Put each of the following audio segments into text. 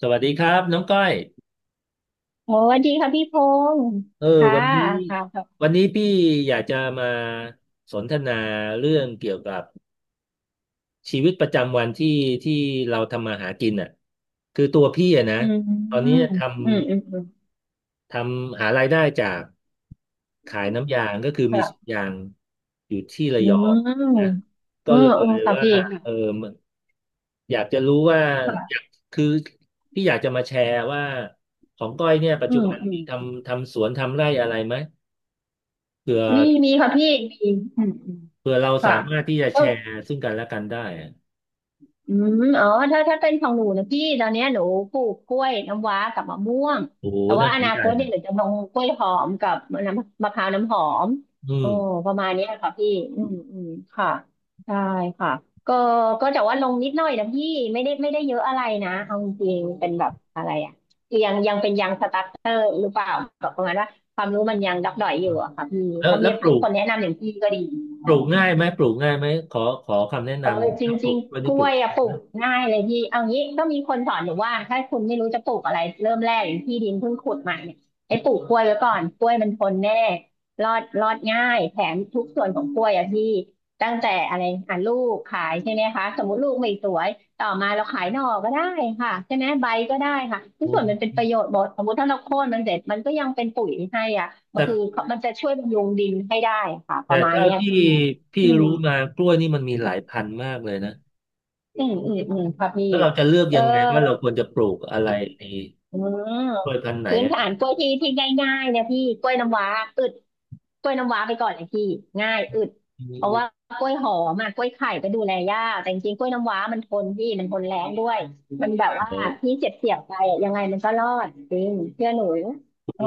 สวัสดีครับน้องก้อยโอ้สวัสดีค่ะพี่พงศ์เออค่ะวันนี้ค่ะค่ะพี่อยากจะมาสนทนาเรื่องเกี่ยวกับชีวิตประจำวันที่เราทำมาหากินอ่ะคือตัวพี่อ่ะนะอืมอืตอนนี้มอืมอืมทำหารายได้จากขายน้ำยางก็คือมีสวนค่ะยางอยู่ที่ระอืยองนะมเอก็อเลเออยค่ะว่าพี่เออค่ะมันอยากจะรู้ว่าอยาค่ะกคือพี่อยากจะมาแชร์ว่าของก้อยเนี่ยปัจอืจุมบันอืมีมทำสวนทำไร่อะไรไหม เผื่อมีมีค่ะพี่มีอืมอืมเผื่อเราสาค่ะ มารถที่จะแชร์ซึ่งกันและกันได้อะอืมอ๋อถ้าเป็นของหนูนะพี่ตอนเนี้ยหนูปลูกกล้วยน้ำว้ากับมะม่วงโอ้โหแต่ว่าน่าอสนนาใจคตเนี่ยอะหนูจะลงกล้วยหอมกับน้ำมะพร้าวน้ำหอมอืโอ้มประมาณเนี้ยค่ะพี่อืมอืมค่ะใช่ค่ะก็แต่ว่าลงนิดหน่อยนะพี่ไม่ได้เยอะอะไรนะเอาจริงๆเป็นแบบอะไรอะยังเป็นยังสตาร์เตอร์หรือเปล่าแบบประมาณว่าความรู้มันยังดักดอยอยู่อะค่ะพี่แล้วถ้ามีคนแนะนำอย่างพี่ก็ดี ปลูกง่ายไหมปลูกง่ายไหมขอคำแนะนเออจำถ้าปลูริงกกล้วยๆกนี่ล้ปลูวกยอะง่าปยลูไหมกง่ายเลยพี่เอางี้ก็มีคนสอนหนูว่าถ้าคุณไม่รู้จะปลูกอะไรเริ่มแรกอย่างที่ดินเพิ่งขุดใหม่เนี่ยให้ปลูกกล้วยไว้ก่อนกล้วยมันทนแน่รอดง่ายแถมทุกส่วนของกล้วยอะพี่ตั้งแต่อะไรอ่ะลูกขายใช่ไหมคะสมมติลูกไม่สวยต่อมาเราขายหน่อก็ได้ค่ะใช่ไหมใบก็ได้ค่ะทุโอกส่วนมัน้เป็นประโยชน์หมดสมมติถ้าเราโค่นมันเสร็จมันก็ยังเป็นปุ๋ยให้อ่ะมันแต่คือมันจะช่วยบำรุงดินให้ได้ค่ะประมาณเท่าเนี้ยที่พี่พี่อืม รู้มากล้วยนี่มันมีหลายพันธุ์มากเลยนะอืมอืมอืมค่ะพี่แล้วเราจะเลือกเออยังไงว่าเราควรจะปลูกอะไรในอืมกล้วยพันธุ์ไหนพื้นอะฐานกล้วยที่ง่ายๆนะพี่กล้วยน้ำว้าอึดกล้วยน้ำว้าไปก่อนเลยพี่ง่ายอึดอืเพราะว่ามกล้วยหอมอะกล้วยไข่ก็ดูแลยากแต่จริงๆกล้วยน้ำว้ามันทนพี่มันทนแรงด้วยมันแบบว่าเอพี่อเจ็บเสียบไปอะยังไงมันก็รอดจริงเชื่อหนูเออ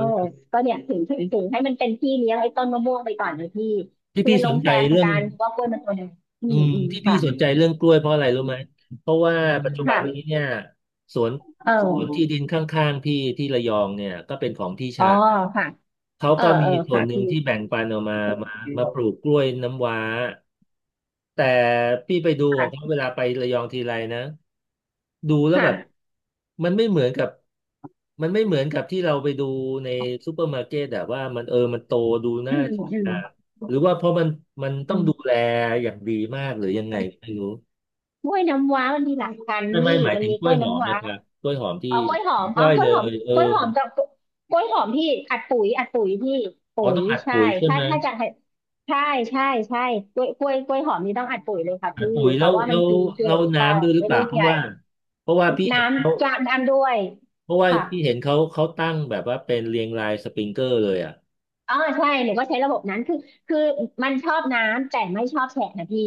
ก็เนี่ยถึงให้มันเป็นพี่เลี้ยงไอ้ต้นมะม่วงไปก่อนเลยพี่ที่คือพี่ลสงนใจแซมเรื่อง กันเพราะว่ากล้วยมันทนอืมอืมที่พี่ค่ะสนใจเรื่องกล้วยเพราะอะไรรู้ไหมเพราะว่าปัจจุบันค่ะนี้เนี่ยสวนเอสวนที่ดิอ นข้างๆพี่ที่ระยองเนี่ยก็เป็นของพี่อ๋อชายค่ะเขาเออก็มีเออส่วค่ะนหนึ่งพี่ที่แบ่งปันออกมามามาปลูกกล้วยน้ำว้าแต่พี่ไปดูของเขาค่ะเวลาไประยองทีไรนะ ดูแล้วแบบค่ะมันไม่เหมือนกับมันไม่เหมือนกับที่เราไปดูในซูเปอร์มาร์เก็ตอะว่ามันเออมันโตดูอืน่ามทอืานมหรือว่าเพราะมันต้ออืงดูมแลอย่างดีมากหรือยังไงมันก็ไม่รู้กล้วยน้ำว้ามันมีหลายพันธุ์ไม่พี่หมายมันถึงมีกกล้ล้ววยยหอมน้ำว้านะครับกล้วยหอมที่เอากล้วยหอผมอมนกล้เอาวยกล้วเลยหอมยเออกล้วยหอมกับกล้วยหอมพี่อัดปุ๋ยพี่ปุ๋เขายต้องอัดใช่ปุ๋ยใช่ถ้าไหมจะให้ใช่ใช่ใช่กล้วยกล้วยหอมนี่ต้องอัดปุ๋ยเลยค่ะอัดพี่ปุ๋ยเพแล้ราะวว่ามันกินเก่แล้วงค่ะน้ำด้วยหรือไม่เปลูล่ากเพใหราะญ่ว่าเพราะว่าพี่น้เห็นเขาำจะน้ำด้วยเพราะว่าค่ะ พี่เห็นเขาเขาตั้งแบบว่าเป็นเรียงรายสปริงเกอร์เลยอ่ะอ๋อใช่หนูก็ใช้ระบบนั้นคือคือมันชอบน้ำแต่ไม่ชอบแฉะนะพี่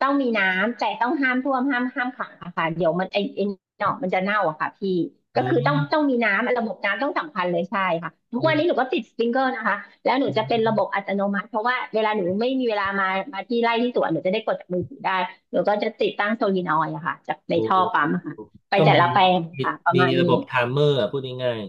ต้องมีน้ำแต่ต้องห้ามท่วมห้ามขังอะค่ะเดี๋ยวมันไอหนอกมันจะเน่าอะค่ะพี่ก็อืคือต้องมมีน้ำระบบน้ำต้องสำคัญเลยใช่ค่ะทุกวันนี้หนูอก็ติดสปริงเกอร์นะคะแล้วหนูืจะเป็นระม บบอัตโนมัติเพราะว่าเวลาหนูไม่มีเวลามาที่ไร่ที่สวนหนูจะได้กดจากมือถือได้หนูก็จะติดตั้งโซลีนอยด์อะค่ะจากในโอท่อปั๊มอะ้ค่ะไปก็แต่มีละแปลงมีค่ะประมีมาณระนี้ บบไทม์เมอร์อะพูดง่าย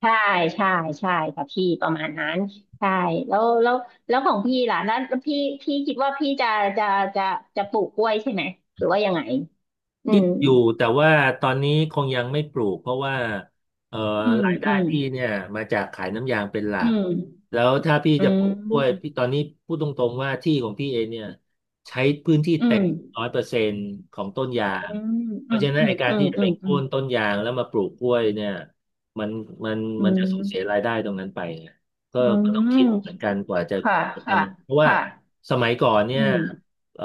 ใช่ใช่ใช่ค่ะพี่ประมาณนั้นใช่แล้วของพี่ล่ะแล้วพี่คิดว่าพี่จะจะจะปลูกกล้วยใช่ไหมหรือว่ายังไงอืคิดมอยู่แต่ว่าตอนนี้คงยังไม่ปลูกเพราะว่าเอ่ออืมรายได้อืมพี่เนี่ยมาจากขายน้ำยางเป็นหลัอืกมแล้วถ้าพี่อืจะปลูกกล้วยมพี่ตอนนี้พูดตรงๆว่าที่ของพี่เองเนี่ยใช้พื้นที่อืเต็มม100%ของต้นยางอืเพมอืราะมฉะนั้อืนไอมการที่จะไปอืโค่มนต้นยางแล้วมาปลูกกล้วยเนี่ยมันมันอืมัมนอืมจะสูอืญเสียมรายได้ตรงนั้นไปไงก็อืต้องมคิดเหมือนกันกว่าจะค่ะค่ะทำมันเพราะว่าค่ะสมัยก่อนเนี่อืยมเอ่อ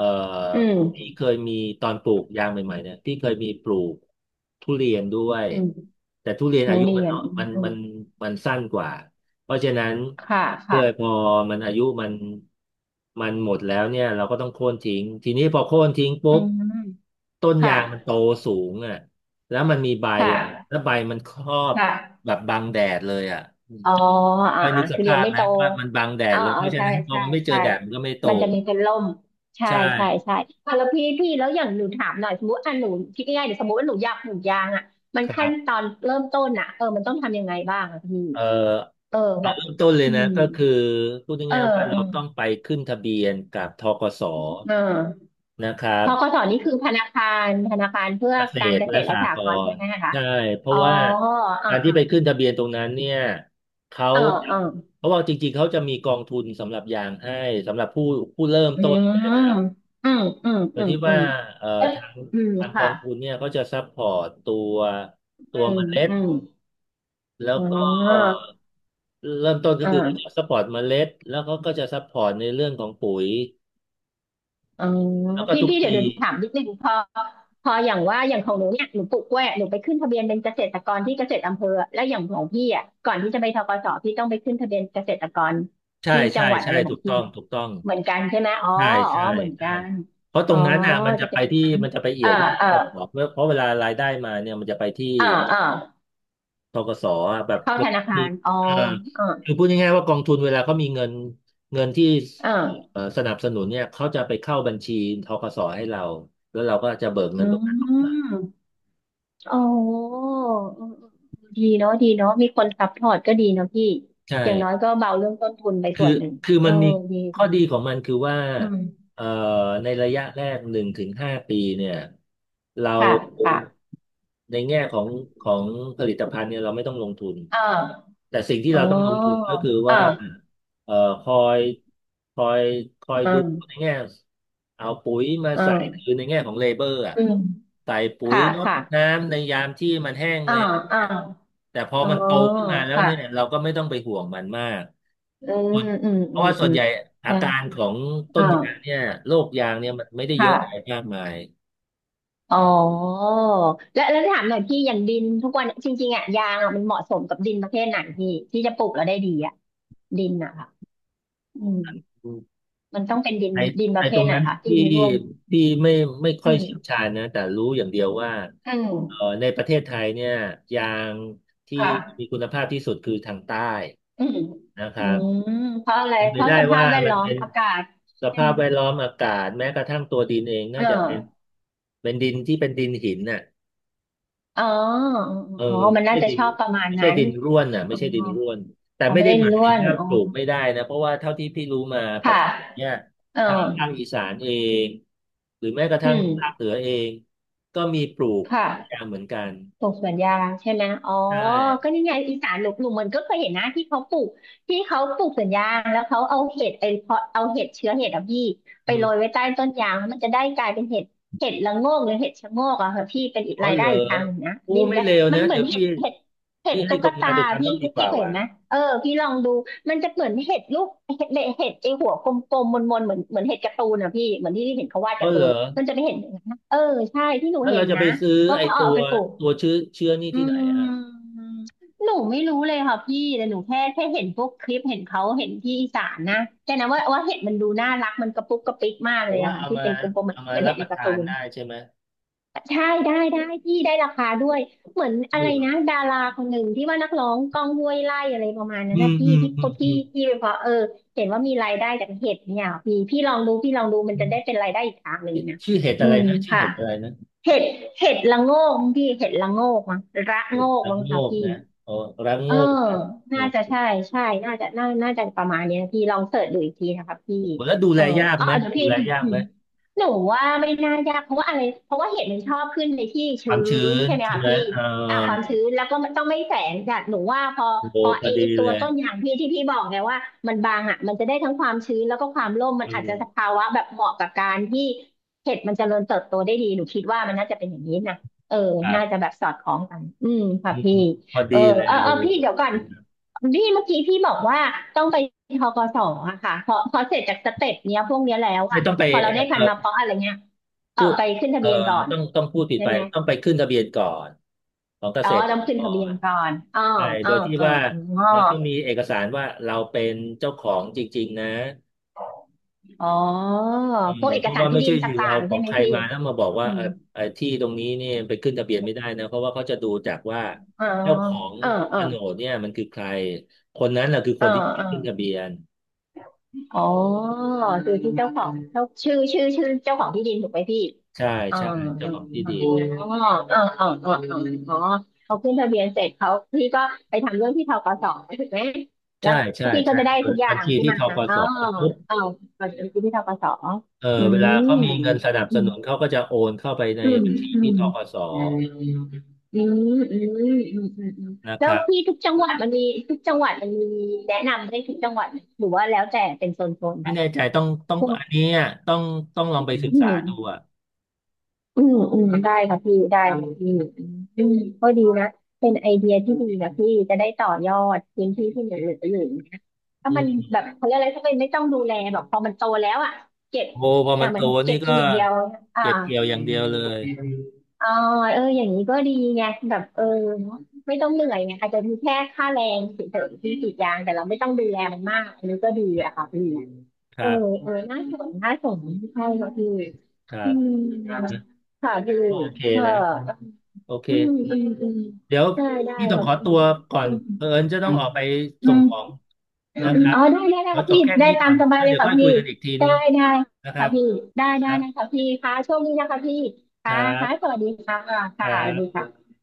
อืพี่มเคยมีตอนปลูกยางใหม่ๆเนี่ยพี่เคยมีปลูกทุเรียนด้วยอืมแต่ทุเรียนโรอางยุเรีมันยนเนาะมันอืมมันสั้นกว่าเพราะฉะนั้นค่ะเพื่อพค่ะอมันอายุมันหมดแล้วเนี่ยเราก็ต้องโค่นทิ้งทีนี้พอโค่นทิ้งปุ๊อืบมต้นคยางมันโต่ะสูงอ่ะแล้วมันมีใบคอ่ะแล้่ะวใบมันครอบค่ะ แบบบังแดดเลยอ่ะอ๋ออ่าก็อ่านึกสคือเรียภานพไม่โตนะว่ามันบังแดอ๋ดอเลยอ๋เพอราะฉะใช่นั้นพอใช่มันไม่เจอใช่แดดมันก็ไม่โตมันจะมีเป็นร่มใช่ใช่ใช่ใช่อ่ะแล้วพี่แล้วอย่างหนูถามหน่อยสมมติอ่ะหนูคิดง่ายๆเดี๋ยวสมมติว่าหนูอยากปลูกยางอ่ะมันคขั้รันตบ อนเริ่มต้นอ่ะเออมันต้องทำยังไงบ้างอ่ะพี่เอ่อเออเอาแบบเริ่มต้นเลยอืนะมก็คือพูดเออง่ายๆว่าอืเรามต้องไปขึ้นทะเบียนกับธกสเออนะครัพบกสนี่คือธนาคารเพื่อเกษการตรเกษและตรสและหสหกกรณ์ใช่รไหณ์มคะใช่เพอ๋ราะอว่าอ่าการที่อ่าไปขึ้นทะเบียนตรงนั้นเนี่ยเขาเออเออเพราะว่าจริงๆเขาจะมีกองทุนสำหรับยางให้สำหรับผู้เริ่มอืต้นมอืมอืมโดอืยมที่อืว่ามเอ่อเอ๊ะทางอืมกอค่ะ งทุนเนี่ยเขาจะซัพพอร์ตตัวอืเมมล็ดอืมแล้วอ๋อก็ เริ่มต้นอก็คือเขาจะ่าซัพพอร์ตเมล็ดแล้วเขาก็จะซัพพอร์ตในเรื่องของปุ๋ยอ๋อแล้วก็พี่ทุกเดี๋ปียวถามนิดนึงพออย่างว่าอย่างของหนูเนี่ยหนูปลูกกล้วยหนูไปขึ้นทะเบียนเป็นเกษตรกรที่เกษตรอำเภอแล้วอย่างของพี่อ่ะก่อนที่จะไปธกสพี่ต้องไปขึ้นทะเบียนเกษตรกรใช่ที่จัใช่งหวัดใช่อะไรขอถูงกพี่ต้องเนี่ยถูกต้องเหมือนกันใช่ไหมอ๋อใช่อ๋อใช่เหมือนใช่กันเพราะตอ๋รองนั้นน่ะจะเป็นอย่างนั้นมันจะไปเอี่เอยอวที่ธเออกสเพราะเวลารายได้มาเนี่ยมันจะไปที่เออเออธกสอ่ะแบบเข้าธนาคามีรอ๋อเออเออคือพูดง่ายๆว่ากองทุนเวลาเขามีเงินเงินที่เออสนับสนุนเนี่ยเขาจะไปเข้าบัญชีธกสให้เราแล้วเราก็จะเบิกเงิอืนตรงนั้นออกมาม อ๋อเอืมอืดีเนาะดีเนาะมีคนซัพพอร์ตก็ดีเนาะพี่ใช่ อย่างน้อยก็เบาเรื่องต้นทุนไปคืส่อวนหนึ่งคือเอมัอนมีดีข้ดีอดีของมันคือว่าอืมเอ่อในระยะแรก1 ถึง 5 ปีเนี่ยเราค่ะค่ะในแง่ของของผลิตภัณฑ์เนี่ยเราไม่ต้องลงทุนอ่าแต่สิ่งที่อ๋อเราต้องลงทุนก็คือว่าอ่าเอ่อคอยคอยคอยอ่ดูในาแง่เอาปุ๋ยมาอ่าใส่คือในแง่ของเลเบอร์อะอืมใส่ปุ๋ยค่ะรดค่ะน้ำในยามที่มันแห้งอ่าแล้งอ่าเนี่ยแต่พออ๋อมันโตขึ้นมาแล้วค่ะเนี่ยเราก็ไม่ต้องไปห่วงมันมาก อืมอืมเพอืราะมว่าส่อืวนมใหญ่อาการได้ของต้นยางอ่าเนี่ยโรคยางเนี่ยมันไม่ได้เยอะอะไรค่ะมากมายอ๋อแล้วถามหน่อยพี่อย่างดินทุกวันจริงๆอ่ะยางอะมันเหมาะสมกับดินประเภทไหนพี่ที่จะปลูกแล้วได้ดีอ่ะดินอ่ะ อืมอืมมันต้องเป็นดินไอ้ดินปไอ้ระเภตรทงไหนนั้นคะดิที่นร่วนที่ไม่ค่อือยมเชี่ยวชาญนะแต่รู้อย่างเดียวว่าอืเอ่อมในประเทศไทยเนี่ยยางที่คมี่ะคุณภาพที่สุดคือทางใต้อืมนะคอืรับมเพราะอะไรเป็นเพไปราะได้สภาว่าพแวดมันล้อมเป็นอากาศสใช่ภาไหมพแวดล้อมอากาศแม้กระทั่งตัวดินเองเอน่าจะเป็นอเป็นดินที่เป็นดินหินน่ะ อ๋อเอออ๋อมัไม่นน่าใช่จะดิชนอบประมาณไม่ใช่นั้นดินร่วนอ่ะไม่อ๋อใช่ดินร่วนแต่เขาไม่ไม่ได้ได้หมายร่วถึงนว่าอ๋อปลูกไม่ได้นะเพราะว่าเท่าที่พี่รู้มาปัค่ะจจุบันเนี่ยเออทางภาคอีสานเองหรือแม้กระอืทั่งภาคมเหนือเองก็มีปลูกคแย่าง่ะ เหมือนกันปลูกสวนยางใช่ไหม อ๋อใช่ก็นี่ไงอีสานหลุกหลุมมันก็เคยเห็นนะที่เขาปลูกที่เขาปลูกสวนยางแล้วเขาเอาเห็ดไอเพาะเอาเห็ดเชื้อเห็ดอะพี่ไปอืโรยมไว้ใต้ต้นยางแล้วมันจะได้กลายเป็นเห็ดละโงกหรือเห็ดชะโงกอะค่ะพี่เป็นอีกอ๋อรายเหรได้ออีกทางหนึ่งนะอู้นี่อีกไม่แล้วเลวมันนะเหมืเดี๋อยนวเห็พี่ดเห็ดเห็พี่ดให้ตุ๊คกนงาตานไปทำพี่บ้างดีกพี่ว่าเคยเห็ว่ะนไหมเออพี่ลองดูมันจะเหมือนเห็ดลูกเห็ดเห็ดไอหัวกลมๆมนๆเหมือนเห็ดการ์ตูนอะพี่เหมือนที่เห็นเขาวาดอ๋อการ์ตูเหรนอมันจะไม่เห็นอย่างนั้นนะเออใช่ที่หนูแล้วเห็เรานจะไปนะซื้อว่าไอ้เขาตัเอาวไปปลูก ตัวเชื้อนี่อืที่ไหนอ่ะมหนูไม่รู้เลยค่ะพี่แต่หนูแค่เห็นพวกคลิปเห็นเขาเห็นที่อีสานนะแต่นะว่าเห็ดมันดูน่ารักมันกระปุกกระปิกมากเพเลราะยว่าอะค่ะเอาที่มาเป็นกลมๆเหมือนเอามาเป็นรัเห็บดปในระการ์ทาตูนนได้ใช่ไหมใช่ได้ได้พี่ได้ราคาด้วยเหมือนอ๋ออะไรเหรอนะดาราคนหนึ่งที่ว่านักร้องก้องห้วยไร่อะไรประมาณนั้อืนนะมพี่อืมที่อืพมอที่ที่เพราะเออเห็นว่ามีรายได้จากเห็ดเนี่ยพี่ลองดูพี่ลองดูมันืจะได้เป็ม นรายได้อีกทางหนึ่งชื่อนะชื่อเห็ดอือะไรมนะชื่อค่ะ เห็ดอะไรนะเห็ด เห็ดละโงกมั้งพี่ เห็ดละโงกมั้งระเห็โงดกระมั้งโงคะกพี่ นะอ๋อระโงเออกนะโอ้น่าจะใช่โใช่น่าจะประมาณเนี้ยพี่ลองเสิร์ชดูอีกทีนะคะพี่หแล้วดูเอแลอยากไหมเดี๋ยวดูพี่ แล พี่ยากอืไหมมหนูว่าไม่น่ายากเพราะว่าอะไรเพราะว่าเห็ดมันชอบขึ้นในที่คชื้วามชื้นนใช่ไหมใช่คะไหมพี่เออ่ะความอชื้นแล้วก็มันต้องไม่แสงจัดหนูว่าพอโอ้โหพอพไออดีไอตัเลวยต้นยางพี่ที่พี่บอกไงว่ามันบางอ่ะมันจะได้ทั้งความชื้นแล้วก็ความร่มมัอืนอาจจะสมภาวะแบบเหมาะกับการที่เห็ดมันเจริญเติบโตได้ดีหนูคิดว่ามันน่าจะเป็นอย่างนี้นะเออครัน่าบจะแบบสอดคล้องกันอืมค่ะอืพี่ มพอเอดีอเลยเออโอ้เออพี่โหเดี๋ยวก่อนพี่เมื่อกี้พี่บอกว่าต้องไปทกสอะค่ะพอเสร็จจากสเต็ปเนี้ยพวกเนี้ยแล้วไม่อะต้องไปพอเราได้เอพัอนมาเพราะอะไรเงี้ยเออพูดไปขึ้นทะเออเบียนก่อนต้องพูดติดใช่ไปไหมต้องไปขึ้นทะเบียนก่อนของเกอ๋อษตรต้องกขึ้นทะเบียนรก่อนใช่อ๋โดอยที่อ๋อว่าอ๋อเราต้องมีเอกสารว่าเราเป็นเจ้าของจริงๆนะ อ๋อเออพวกเอเพกราะสารว่าที่ไม่ดิใช่นอยู่ต่าเอางๆขอใช่งไหมใครพี่มาแล้วมาบอกว่าอืเออมเออที่ตรงนี้เนี่ยไปขึ้นทะเบียนไม่ได้นะเพราะว่าเขาจะดูจากว่าอ๋อเจ้าของเออเอโฉอนดเนี่ยมันคือใครคนนั้นแหละคือเอคอนที่ไปเออ ขึ้นทะเบียนอ๋อคือที่เจ้าของเจ้าชื่อเจ้าของที่ดินถูกไหมพี่ใช่อ๋อใช่เจ้าของที่ดิน๋ออ๋ออ๋ออ๋ออ๋ออ๋อเขาขึ้นทะเบียนเสร็จเขาพี่ก็ไปทำเรื่องที่ธกสถูกไหมแล้ใช่วใช่พี่ก็ใช่จะได้เปิทุกดอย่าบัญงชีที่ที่มันธกอ๋สอปุ๊บอ๋อก่อนที่ที่ธกสเอออืเวลามเขามีเงินสนับอืสมนุนเขาก็จะโอนเข้าไปในอืบัญชีที่ธมกสอืมอืมอืมอือืมนะแล้ควรับพี่ทุกจังหวัดมันมีแนะนำได้ทุกจังหวัดหรือว่าแล้วแต่เป็นโซนๆไป ไม่แน่ใจต้องอันเนี้ยต้องต้องลองไปศึกษาดูอ่ะ อืมได้ค่ะพี่ได้ค่ะพี่อืมก็ดีนะเป็นไอเดียที่ดีนะพี่จะได้ต่อยอดพื้นที่ที่เหลืออยู่นะถ้ามันแบบเขาเรียกอะไรถ้ามันไม่ต้องดูแลแบบพอมันโตแล้วอ่ะเก็บโอ้พออมัย่านงโตมันเก็นี่บกิก็นอย่างเดียวอ่าเก็บเกี่ยวอย่างเดียวเลยอ่าเอออย่างนี้ก็ดีไงแบบเออไม่ต้องเหนื่อยไงอาจจะมีแค่ค่าแรงเฉยๆที่กรีดยางแต่เราไม่ต้องดูแลมันมากอันนี้ก็ดีอะค่ะพี่คเออรับเออน่าสนน่าสนใช่ค่ะพี่ครัอืบมค่ะนะพี่ก็โอเคเออนะโอเคเอ อืมเดี๋ยวได้พี่ต้คองรับขอตัพี่วก่อนเผอิญจะต้องออกไปอืส่งของมอ๋นะครับอได้ได้ขได้อค่ัจบพี่แค่ได้นี้ตาก่อมนสบายแล้วเลยเดี๋ยวค่ะค่อยคุพี่ยกันอีกทีนึได้งได้นะครัค่ะบพี่ได้คได้รันะบคะพี่ค่ะโชคดีนะคะพี่คค่ะรัค่ะสบวัสดีค่ะคค่ะรัสวัสดีบค่ะ